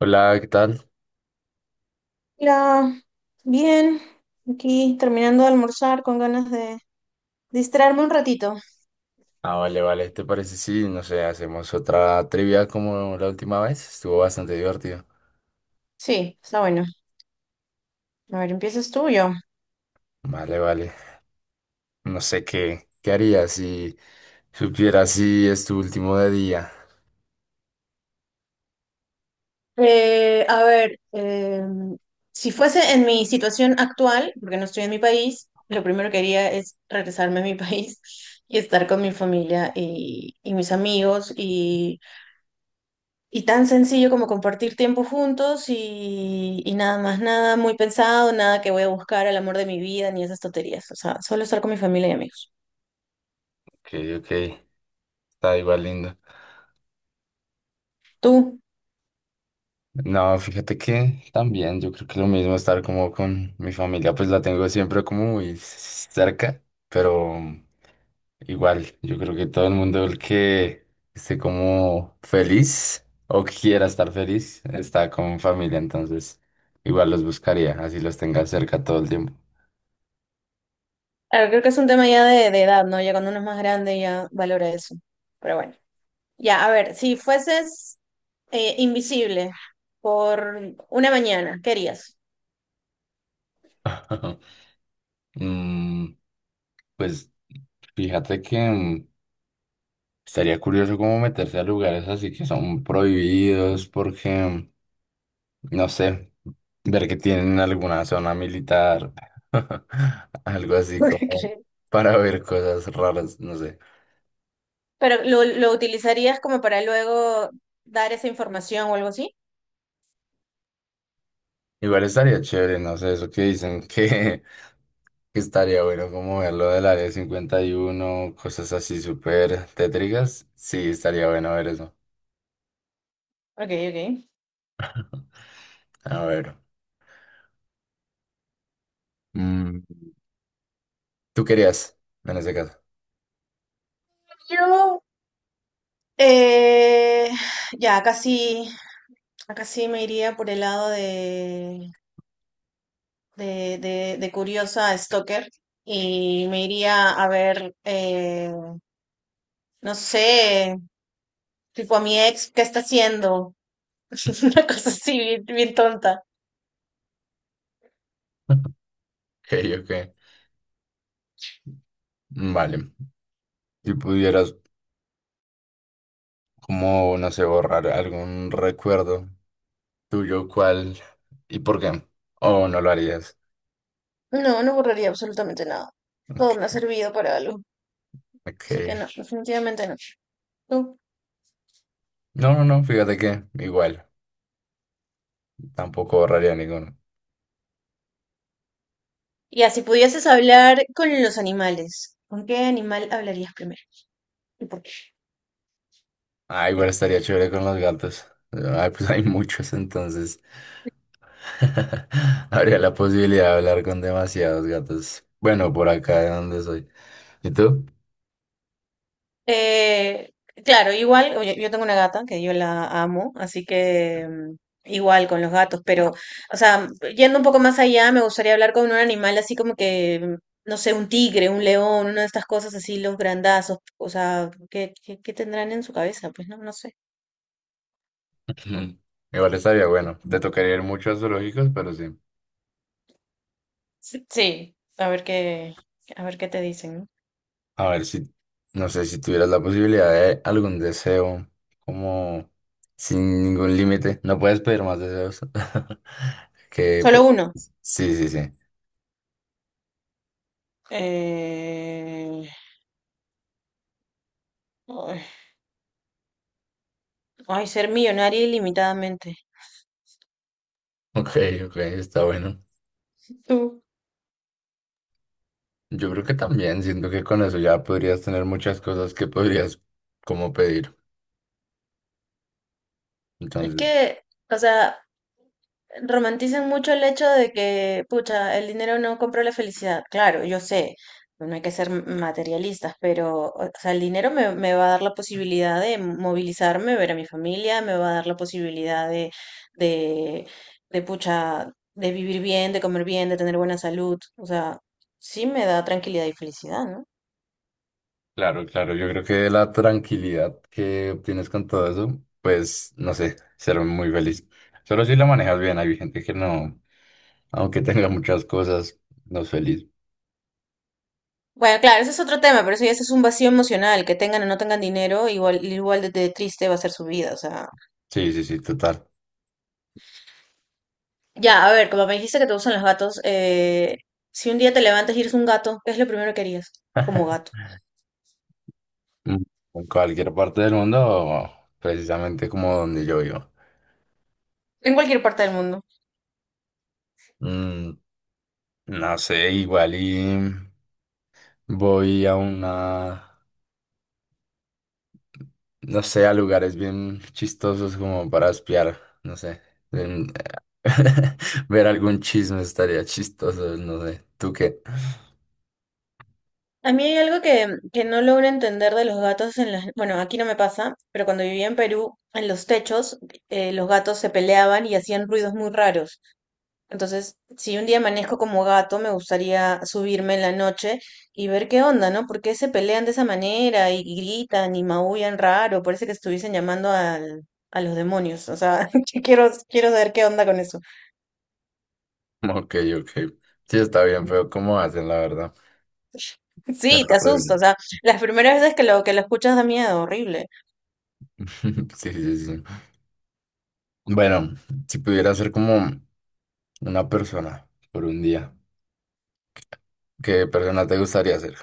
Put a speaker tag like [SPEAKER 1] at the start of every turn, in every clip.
[SPEAKER 1] Hola, ¿qué tal?
[SPEAKER 2] Hola, bien, aquí terminando de almorzar con ganas de distraerme un ratito.
[SPEAKER 1] Ah, vale, vale. ¿Te parece si, no sé, hacemos otra trivia como la última vez? Estuvo bastante divertido.
[SPEAKER 2] Sí, está bueno. A ver, ¿empiezas tú o yo?
[SPEAKER 1] Vale, vale. No sé qué harías si supieras si es tu último de día.
[SPEAKER 2] Eh, a ver, eh, si fuese en mi situación actual, porque no estoy en mi país, lo primero que haría es regresarme a mi país y estar con mi familia y mis amigos y tan sencillo como compartir tiempo juntos y nada más, nada muy pensado, nada que voy a buscar al amor de mi vida ni esas tonterías. O sea, solo estar con mi familia y amigos.
[SPEAKER 1] Ok, ok. Está igual lindo.
[SPEAKER 2] Tú,
[SPEAKER 1] No, fíjate que también yo creo que lo mismo estar como con mi familia, pues la tengo siempre como muy cerca, pero igual, yo creo que todo el mundo el que esté como feliz o quiera estar feliz está con familia, entonces igual los buscaría, así los tenga cerca todo el tiempo.
[SPEAKER 2] a ver, creo que es un tema ya de edad, ¿no? Ya cuando uno es más grande ya valora eso. Pero bueno, ya, a ver, si fueses invisible por una mañana, ¿qué harías?
[SPEAKER 1] Mm, pues fíjate que estaría curioso como meterse a lugares así que son prohibidos porque, no sé, ver que tienen alguna zona militar, algo así
[SPEAKER 2] ¿Qué
[SPEAKER 1] como
[SPEAKER 2] crees?
[SPEAKER 1] para ver cosas raras, no sé.
[SPEAKER 2] Pero lo utilizarías como para luego dar esa información o algo así.
[SPEAKER 1] Igual estaría chévere, no sé, eso que dicen que, que estaría bueno como verlo del área 51, cosas así súper tétricas. Sí, estaría bueno ver eso.
[SPEAKER 2] Ok, ok.
[SPEAKER 1] A ver, mm, tú querías, en ese caso.
[SPEAKER 2] Yo, Eh, ya, casi, casi me iría por el lado de curiosa a stalker y me iría a ver, no sé, tipo a mi ex, ¿qué está haciendo? Una cosa así, bien, bien tonta.
[SPEAKER 1] Ok, ok. Vale. Si pudieras, como, no sé, borrar algún recuerdo tuyo, ¿cuál y por qué? ¿O no lo harías?
[SPEAKER 2] No, no borraría absolutamente nada. Todo me ha
[SPEAKER 1] Ok,
[SPEAKER 2] servido para algo. Así que
[SPEAKER 1] ok.
[SPEAKER 2] no, definitivamente no. ¿Tú?
[SPEAKER 1] No, no, no, fíjate que igual, tampoco borraría ninguno.
[SPEAKER 2] Ya, si pudieses hablar con los animales, ¿con qué animal hablarías primero? ¿Y por qué?
[SPEAKER 1] Ah, igual estaría chévere con los gatos. Ay, pues hay muchos, entonces habría la posibilidad de hablar con demasiados gatos. Bueno, por acá de donde soy. ¿Y tú?
[SPEAKER 2] Eh, claro, igual, yo tengo una gata que yo la amo, así que igual con los gatos, pero, o sea, yendo un poco más allá, me gustaría hablar con un animal así como que, no sé, un tigre, un león, una de estas cosas así, los grandazos, o sea, ¿qué tendrán en su cabeza? Pues no, no sé.
[SPEAKER 1] Ujú. Igual estaría bueno. Te tocaría ir mucho a zoológicos, pero sí.
[SPEAKER 2] Sí, sí, a ver qué te dicen, ¿no?
[SPEAKER 1] A ver si, no sé, si tuvieras la posibilidad de algún deseo, como sin ningún límite. No puedes pedir más deseos. Que,
[SPEAKER 2] Solo
[SPEAKER 1] pe-
[SPEAKER 2] uno.
[SPEAKER 1] sí, sí, sí.
[SPEAKER 2] Eh... Ay, ay, ser millonaria ilimitadamente.
[SPEAKER 1] Ok, ok, está bueno.
[SPEAKER 2] Tú.
[SPEAKER 1] Yo creo que también, siento que con eso ya podrías tener muchas cosas que podrías como pedir.
[SPEAKER 2] Es
[SPEAKER 1] Entonces,
[SPEAKER 2] que, o sea, romanticen mucho el hecho de que, pucha, el dinero no compra la felicidad. Claro, yo sé, no hay que ser materialistas, pero, o sea, el dinero me va a dar la posibilidad de movilizarme, ver a mi familia, me va a dar la posibilidad de, pucha, de vivir bien, de comer bien, de tener buena salud. O sea, sí me da tranquilidad y felicidad, ¿no?
[SPEAKER 1] claro, claro, yo creo que la tranquilidad que obtienes con todo eso, pues no sé, ser muy feliz. Solo si la manejas bien, hay gente que no, aunque tenga muchas cosas, no es feliz.
[SPEAKER 2] Bueno, claro, ese es otro tema, pero eso ya ese es un vacío emocional, que tengan o no tengan dinero, igual, igual de triste va a ser su vida, o sea.
[SPEAKER 1] Sí, sí, sí, total.
[SPEAKER 2] Ya, a ver, como me dijiste que te gustan los gatos, si un día te levantas y eres un gato, ¿qué es lo primero que harías como gato?
[SPEAKER 1] Mm. En cualquier parte del mundo, precisamente como donde yo vivo.
[SPEAKER 2] En cualquier parte del mundo.
[SPEAKER 1] Mm, no sé, igual y voy a una no sé, a lugares bien chistosos como para espiar, no sé. en- Ver algún chisme estaría chistoso, no sé. ¿Tú qué?
[SPEAKER 2] A mí hay algo que no logro entender de los gatos en las... Bueno, aquí no me pasa, pero cuando vivía en Perú, en los techos, los gatos se peleaban y hacían ruidos muy raros. Entonces, si un día amanezco como gato, me gustaría subirme en la noche y ver qué onda, ¿no? ¿Por qué se pelean de esa manera y gritan y maullan raro? Parece que estuviesen llamando al, a los demonios. O sea, que quiero, quiero saber qué onda con eso.
[SPEAKER 1] Ok, ok. Sí, está bien, pero ¿cómo hacen, la verdad? Suena
[SPEAKER 2] Sí, te asusta.
[SPEAKER 1] horrible.
[SPEAKER 2] O sea, las primeras veces que lo escuchas da miedo, horrible.
[SPEAKER 1] Sí, sí, sí. Bueno, si pudiera ser como una persona por un día, ¿qué persona te gustaría ser?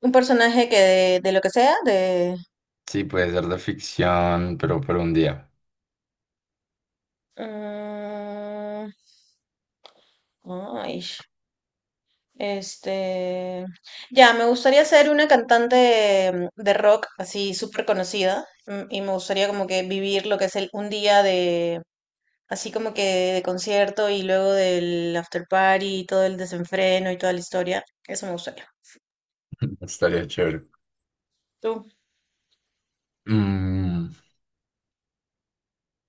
[SPEAKER 2] Un personaje que de lo que sea, de...
[SPEAKER 1] Sí, puede ser de ficción, pero por un día.
[SPEAKER 2] mm, ay. Este, ya, me gustaría ser una cantante de rock así súper conocida, y me gustaría como que vivir lo que es el, un día de, así como que de concierto y luego del after party y todo el desenfreno y toda la historia. Eso me gustaría.
[SPEAKER 1] Estaría chévere.
[SPEAKER 2] ¿Tú?
[SPEAKER 1] Mm,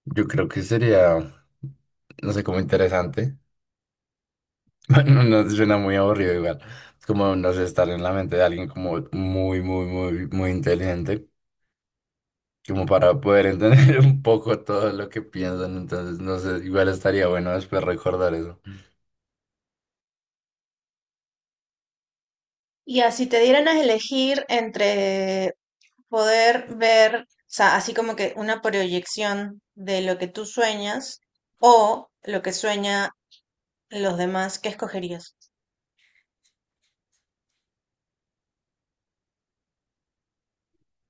[SPEAKER 1] Yo creo que sería, no sé, como interesante. Bueno, no suena muy aburrido igual. Es como, no sé, estar en la mente de alguien como muy, muy, muy, muy inteligente, como para poder entender un poco todo lo que piensan. Entonces, no sé, igual estaría bueno después recordar eso.
[SPEAKER 2] Y así te dieran a elegir entre poder ver, o sea, así como que una proyección de lo que tú sueñas o lo que sueña los demás, ¿qué escogerías?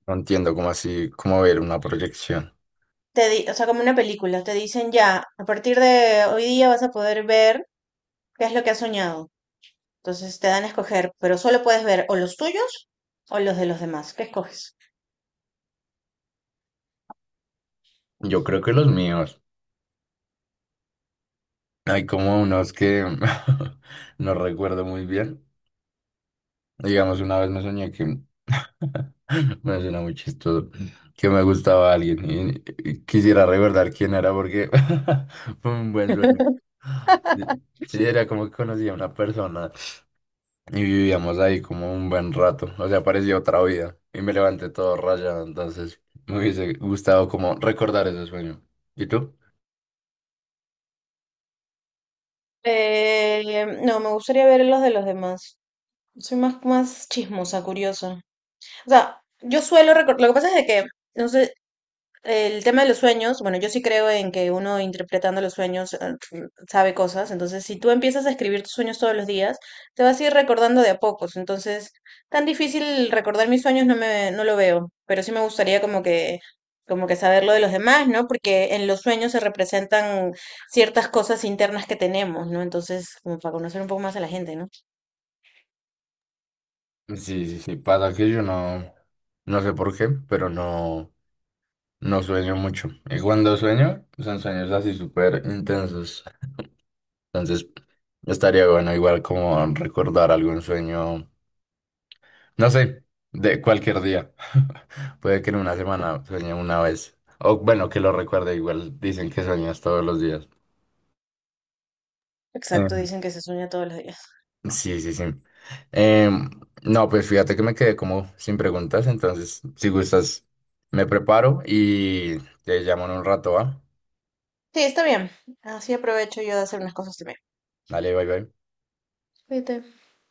[SPEAKER 1] No entiendo cómo así, cómo ver una proyección.
[SPEAKER 2] O sea, como una película, te dicen ya, a partir de hoy día vas a poder ver qué es lo que has soñado. Entonces te dan a escoger, pero solo puedes ver o los tuyos o los de los demás. ¿Qué escoges?
[SPEAKER 1] Yo creo que los míos, hay como unos que no recuerdo muy bien. Digamos, una vez me soñé que, me suena muy chistoso, que me gustaba alguien y quisiera recordar quién era porque fue un buen sueño. Sí, sí, era como que conocía a una persona y vivíamos ahí como un buen rato, o sea, parecía otra vida y me levanté todo rayado, entonces me hubiese gustado como recordar ese sueño. ¿Y tú?
[SPEAKER 2] No, me gustaría ver los de los demás. Soy más, más chismosa, curiosa. O sea, yo suelo recordar, lo que pasa es de que, no sé, el tema de los sueños, bueno, yo sí creo en que uno interpretando los sueños sabe cosas, entonces si tú empiezas a escribir tus sueños todos los días, te vas a ir recordando de a pocos, entonces tan difícil recordar mis sueños no no lo veo, pero sí me gustaría como que saber lo de los demás, ¿no? Porque en los sueños se representan ciertas cosas internas que tenemos, ¿no? Entonces, como para conocer un poco más a la gente, ¿no?
[SPEAKER 1] Sí, sí, sí, pasa que yo no, no sé por qué, pero no. No sueño mucho. Y cuando sueño, son sueños así súper intensos. Entonces, estaría bueno igual como recordar algún sueño, no sé, de cualquier día. Puede que en una semana sueñe una vez. O bueno, que lo recuerde igual. Dicen que sueñas todos los días.
[SPEAKER 2] Exacto,
[SPEAKER 1] Em,
[SPEAKER 2] dicen que se sueña todos los días.
[SPEAKER 1] sí, sí, sí. Em, no, pues fíjate que me quedé como sin preguntas. Entonces, si gustas, me preparo y te llamo en un rato, ¿va?
[SPEAKER 2] Sí, está bien, así aprovecho yo de hacer unas cosas también.
[SPEAKER 1] Dale, bye, bye.
[SPEAKER 2] Cuídate.